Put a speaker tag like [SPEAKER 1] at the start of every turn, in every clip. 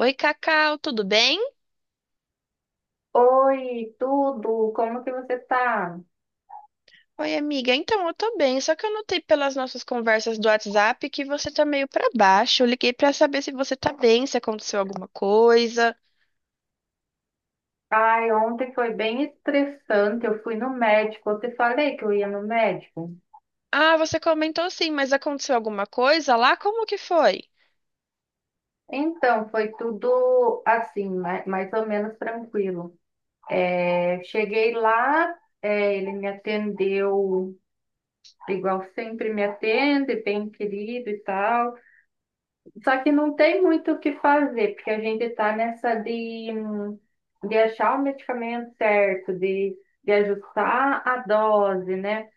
[SPEAKER 1] Oi, Cacau, tudo bem?
[SPEAKER 2] Oi, tudo? Como que você tá?
[SPEAKER 1] Oi, amiga. Então, eu tô bem, só que eu notei pelas nossas conversas do WhatsApp que você tá meio pra baixo. Eu liguei pra saber se você tá bem, se aconteceu alguma coisa.
[SPEAKER 2] Ai, ontem foi bem estressante. Eu fui no médico. Eu te falei que eu ia no médico.
[SPEAKER 1] Ah, você comentou sim, mas aconteceu alguma coisa lá? Como que foi?
[SPEAKER 2] Então, foi tudo assim, mais ou menos tranquilo. Eu cheguei lá, ele me atendeu igual sempre me atende, bem querido e tal. Só que não tem muito o que fazer, porque a gente tá nessa de achar o medicamento certo, de ajustar a dose, né?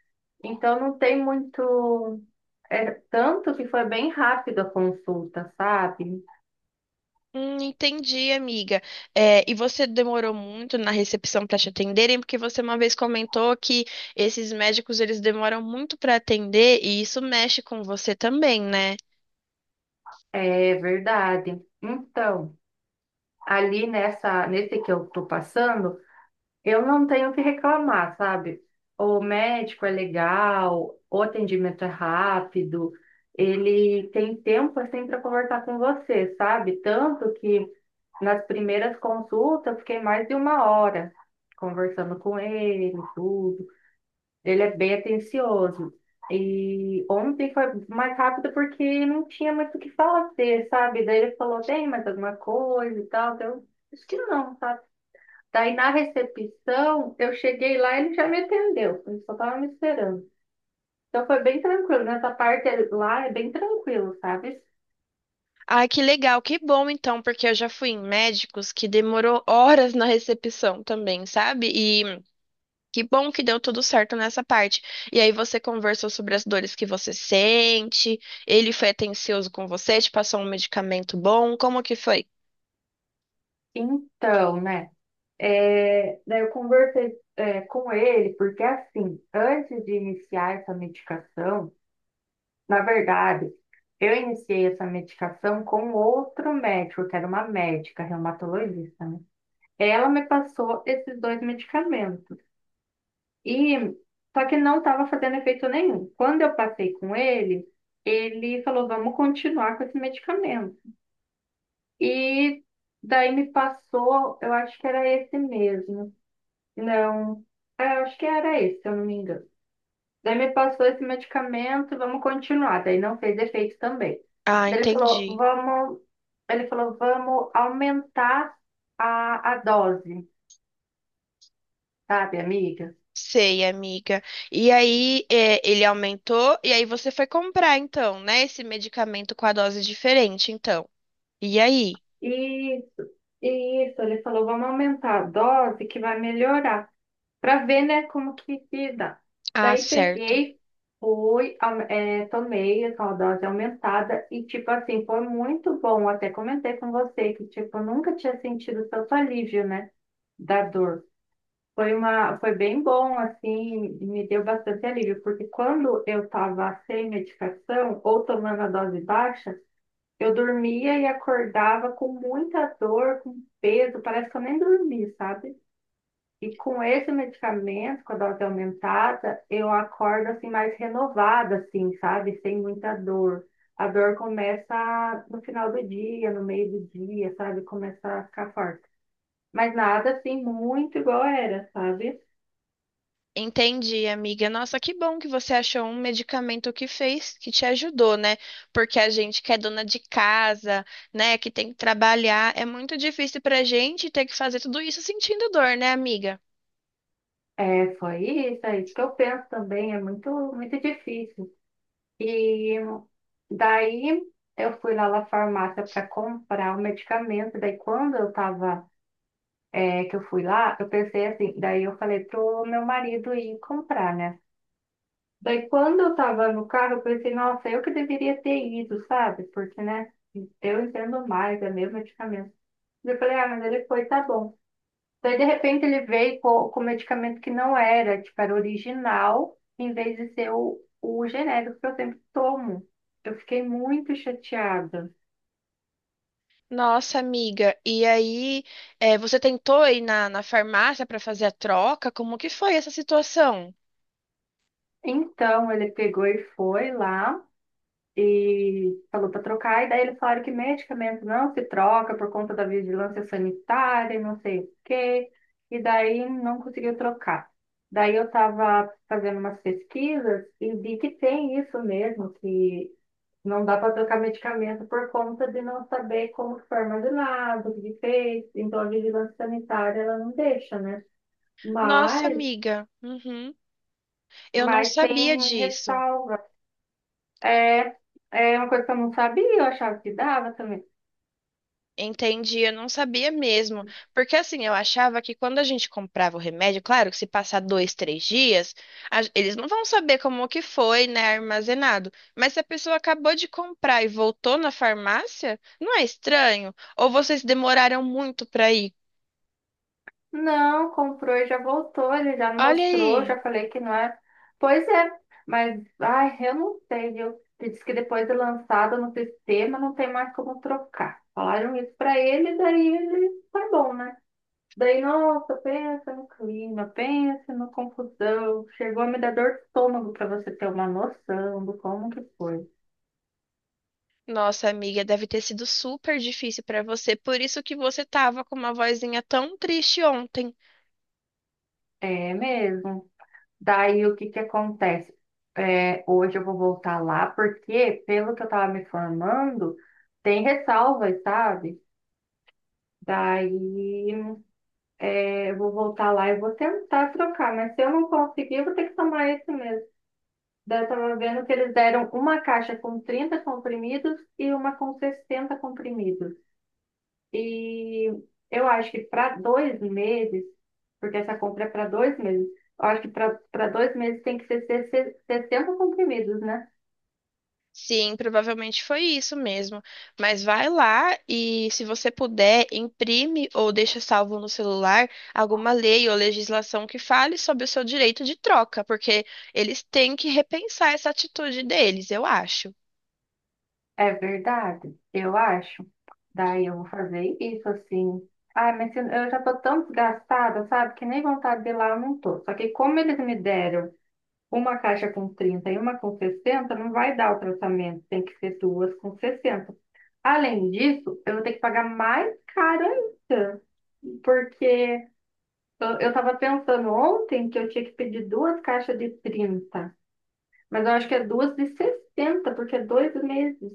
[SPEAKER 2] Então não tem muito. É, tanto que foi bem rápido a consulta, sabe?
[SPEAKER 1] Entendi, amiga. É, e você demorou muito na recepção para te atenderem, porque você uma vez comentou que esses médicos eles demoram muito para atender e isso mexe com você também, né?
[SPEAKER 2] É verdade. Então, nesse que eu tô passando, eu não tenho o que reclamar, sabe? O médico é legal, o atendimento é rápido, ele tem tempo assim para conversar com você, sabe? Tanto que nas primeiras consultas eu fiquei mais de uma hora conversando com ele, tudo. Ele é bem atencioso. E ontem foi mais rápido porque não tinha muito o que fazer, sabe? Daí ele falou, tem mais alguma coisa e tal. Daí eu disse que não, sabe? Daí na recepção, eu cheguei lá e ele já me atendeu. Ele só tava me esperando. Então foi bem tranquilo. Nessa parte lá é bem tranquilo, sabe?
[SPEAKER 1] Ai, que legal, que bom então, porque eu já fui em médicos que demorou horas na recepção também, sabe? E que bom que deu tudo certo nessa parte. E aí você conversou sobre as dores que você sente, ele foi atencioso com você, te passou um medicamento bom, como que foi?
[SPEAKER 2] Então, né? Daí eu conversei, com ele, porque assim, antes de iniciar essa medicação, na verdade, eu iniciei essa medicação com outro médico, que era uma médica reumatologista, né? Ela me passou esses dois medicamentos. E só que não estava fazendo efeito nenhum. Quando eu passei com ele, ele falou: "Vamos continuar com esse medicamento". E daí me passou, eu acho que era esse mesmo. Não, eu acho que era esse, se eu não me engano. Daí me passou esse medicamento, vamos continuar. Daí não fez efeito também.
[SPEAKER 1] Ah,
[SPEAKER 2] Daí
[SPEAKER 1] entendi.
[SPEAKER 2] ele falou, vamos aumentar a dose, sabe, amiga?
[SPEAKER 1] Sei, amiga. E aí, é, ele aumentou, e aí você foi comprar então, né, esse medicamento com a dose diferente, então. E aí?
[SPEAKER 2] Isso, isso, ele falou, vamos aumentar a dose que vai melhorar, para ver, né, como que se dá.
[SPEAKER 1] Ah,
[SPEAKER 2] Daí
[SPEAKER 1] certo.
[SPEAKER 2] peguei, tomei essa dose aumentada e, tipo assim, foi muito bom. Até comentei com você que, tipo, eu nunca tinha sentido tanto alívio, né, da dor. Foi bem bom, assim, me deu bastante alívio, porque quando eu estava sem medicação ou tomando a dose baixa, eu dormia e acordava com muita dor, com peso, parece que eu nem dormi, sabe? E com esse medicamento, com a dose aumentada, eu acordo assim mais renovada, assim, sabe? Sem muita dor. A dor começa no final do dia, no meio do dia, sabe? Começa a ficar forte. Mas nada assim muito igual era, sabe?
[SPEAKER 1] Entendi, amiga. Nossa, que bom que você achou um medicamento que fez, que te ajudou, né? Porque a gente que é dona de casa, né, que tem que trabalhar, é muito difícil pra gente ter que fazer tudo isso sentindo dor, né, amiga?
[SPEAKER 2] É, foi isso, é isso que eu penso também, é muito, muito difícil. E daí eu fui lá na farmácia para comprar o medicamento, daí quando eu tava, que eu fui lá, eu pensei assim, daí eu falei pro meu marido ir comprar, né? Daí quando eu tava no carro, eu pensei, nossa, eu que deveria ter ido, sabe? Porque, né, eu entendo mais, é meu medicamento. Eu falei, ah, mas ele foi, tá bom. Daí, de repente, ele veio com medicamento que não era, tipo, era original, em vez de ser o genérico que eu sempre tomo. Eu fiquei muito chateada.
[SPEAKER 1] Nossa, amiga. E aí, eh, você tentou ir na farmácia pra fazer a troca? Como que foi essa situação?
[SPEAKER 2] Então, ele pegou e foi lá e falou para trocar, e daí eles falaram que medicamento não se troca por conta da vigilância sanitária, e não sei o quê, e daí não conseguiu trocar. Daí eu estava fazendo umas pesquisas e vi que tem isso mesmo, que não dá para trocar medicamento por conta de não saber como que foi armazenado, o que que fez. Então, a vigilância sanitária, ela não deixa, né?
[SPEAKER 1] Nossa,
[SPEAKER 2] Mas,
[SPEAKER 1] amiga. Uhum. Eu não
[SPEAKER 2] mas
[SPEAKER 1] sabia
[SPEAKER 2] tem
[SPEAKER 1] disso.
[SPEAKER 2] ressalva. É, é uma coisa que eu não sabia, eu achava que dava também.
[SPEAKER 1] Entendi, eu não sabia mesmo. Porque assim, eu achava que quando a gente comprava o remédio, claro que se passar dois, três dias, a- eles não vão saber como que foi, né, armazenado. Mas se a pessoa acabou de comprar e voltou na farmácia, não é estranho? Ou vocês demoraram muito para ir?
[SPEAKER 2] Não, comprou e já voltou, ele já não
[SPEAKER 1] Olha
[SPEAKER 2] mostrou,
[SPEAKER 1] aí.
[SPEAKER 2] já falei que não é. Pois é, mas, ai, eu não sei, eu disse que depois de lançado no sistema não tem mais como trocar. Falaram isso para ele, daí ele tá bom, né? Daí, nossa, pensa no clima, pensa na confusão. Chegou a me dar dor de estômago para você ter uma noção do como que foi.
[SPEAKER 1] Nossa, amiga, deve ter sido super difícil para você, por isso que você tava com uma vozinha tão triste ontem.
[SPEAKER 2] É mesmo. Daí, o que que acontece? É, hoje eu vou voltar lá porque, pelo que eu tava me formando, tem ressalvas, sabe? Daí, eu vou voltar lá e vou tentar trocar, mas se eu não conseguir, eu vou ter que tomar esse mesmo. Daí eu tava vendo que eles deram uma caixa com 30 comprimidos e uma com 60 comprimidos. E eu acho que para dois meses, porque essa compra é para dois meses, eu acho que para dois meses tem que ser 60 comprimidos, né?
[SPEAKER 1] Sim, provavelmente foi isso mesmo. Mas vai lá e, se você puder, imprime ou deixa salvo no celular alguma lei ou legislação que fale sobre o seu direito de troca, porque eles têm que repensar essa atitude deles, eu acho.
[SPEAKER 2] É verdade, eu acho. Daí eu vou fazer isso assim. Ai, eu já tô tão desgastada, sabe? Que nem vontade de ir lá eu não tô. Só que como eles me deram uma caixa com 30 e uma com 60 não vai dar o tratamento. Tem que ser duas com sessenta. Além disso, eu vou ter que pagar mais caro ainda. Porque eu tava pensando ontem que eu tinha que pedir duas caixas de 30, mas eu acho que é duas de 60 porque é dois meses.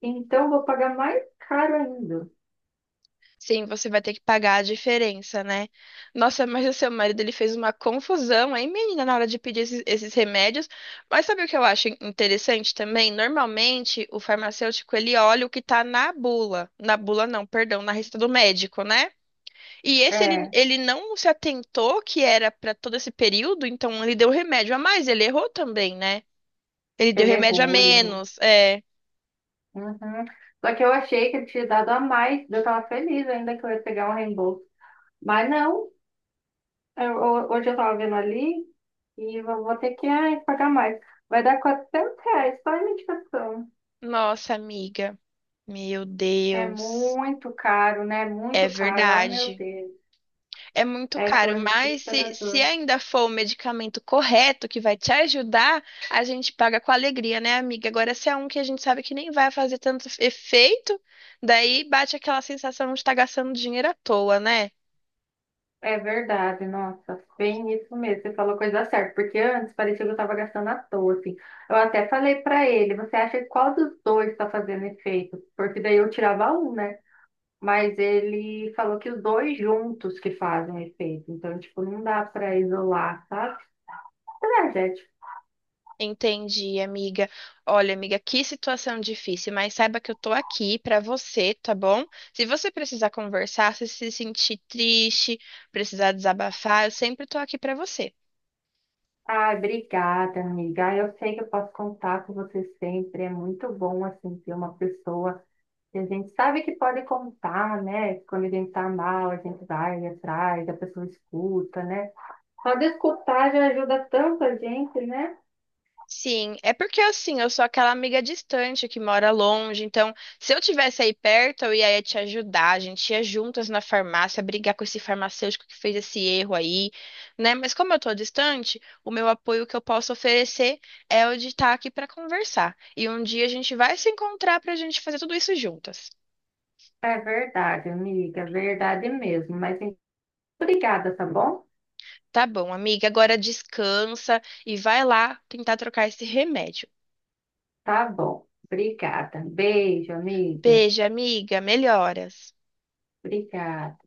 [SPEAKER 2] Então eu vou pagar mais caro ainda.
[SPEAKER 1] Sim, você vai ter que pagar a diferença, né? Nossa, mas o seu marido ele fez uma confusão aí, menina, na hora de pedir esses remédios. Mas sabe o que eu acho interessante também? Normalmente, o farmacêutico ele olha o que tá na bula. Na bula não, perdão, na receita do médico, né? E esse ele,
[SPEAKER 2] É,
[SPEAKER 1] ele não se atentou que era para todo esse período, então ele deu remédio a mais, ele errou também, né? Ele deu
[SPEAKER 2] ele
[SPEAKER 1] remédio a
[SPEAKER 2] errou, ele errou.
[SPEAKER 1] menos. É.
[SPEAKER 2] Uhum. Só que eu achei que ele tinha dado a mais, eu estava feliz ainda que eu ia pegar um reembolso. Mas não, hoje eu estava vendo ali e eu vou ter que ai, pagar mais. Vai dar R$ 400 só a medicação.
[SPEAKER 1] Nossa, amiga. Meu
[SPEAKER 2] É
[SPEAKER 1] Deus.
[SPEAKER 2] muito caro, né?
[SPEAKER 1] É
[SPEAKER 2] Muito caro. Ai, meu
[SPEAKER 1] verdade.
[SPEAKER 2] Deus.
[SPEAKER 1] É muito
[SPEAKER 2] É
[SPEAKER 1] caro,
[SPEAKER 2] coisa
[SPEAKER 1] mas se,
[SPEAKER 2] desesperador.
[SPEAKER 1] se ainda for o medicamento correto que vai te ajudar, a gente paga com alegria, né, amiga? Agora, se é um que a gente sabe que nem vai fazer tanto efeito, daí bate aquela sensação de estar gastando dinheiro à toa, né?
[SPEAKER 2] É verdade, nossa, bem isso mesmo. Você falou coisa certa, porque antes parecia que eu estava gastando à toa, assim. Eu até falei para ele, você acha que qual dos dois está fazendo efeito? Porque daí eu tirava um, né? Mas ele falou que os dois juntos que fazem efeito. Então, tipo, não dá para isolar, sabe? Energético.
[SPEAKER 1] Entendi, amiga. Olha, amiga, que situação difícil, mas saiba que eu tô aqui pra você, tá bom? Se você precisar conversar, se sentir triste, precisar desabafar, eu sempre tô aqui pra você.
[SPEAKER 2] Ai, obrigada, amiga. Eu sei que eu posso contar com você sempre. É muito bom, assim, ter uma pessoa. E a gente sabe que pode contar, né? Quando a gente tá mal, a gente vai atrás, a pessoa escuta, né? Só de escutar já ajuda tanto a gente, né?
[SPEAKER 1] Sim, é porque assim, eu sou aquela amiga distante que mora longe, então se eu tivesse aí perto, eu ia te ajudar, a gente ia juntas na farmácia brigar com esse farmacêutico que fez esse erro aí, né? Mas como eu tô distante, o meu apoio que eu posso oferecer é o de estar aqui para conversar. E um dia a gente vai se encontrar pra gente fazer tudo isso juntas.
[SPEAKER 2] É verdade, amiga, verdade mesmo. Obrigada, tá bom?
[SPEAKER 1] Tá bom, amiga, agora descansa e vai lá tentar trocar esse remédio.
[SPEAKER 2] Tá bom. Obrigada. Beijo, amiga.
[SPEAKER 1] Beijo, amiga, melhoras.
[SPEAKER 2] Obrigada.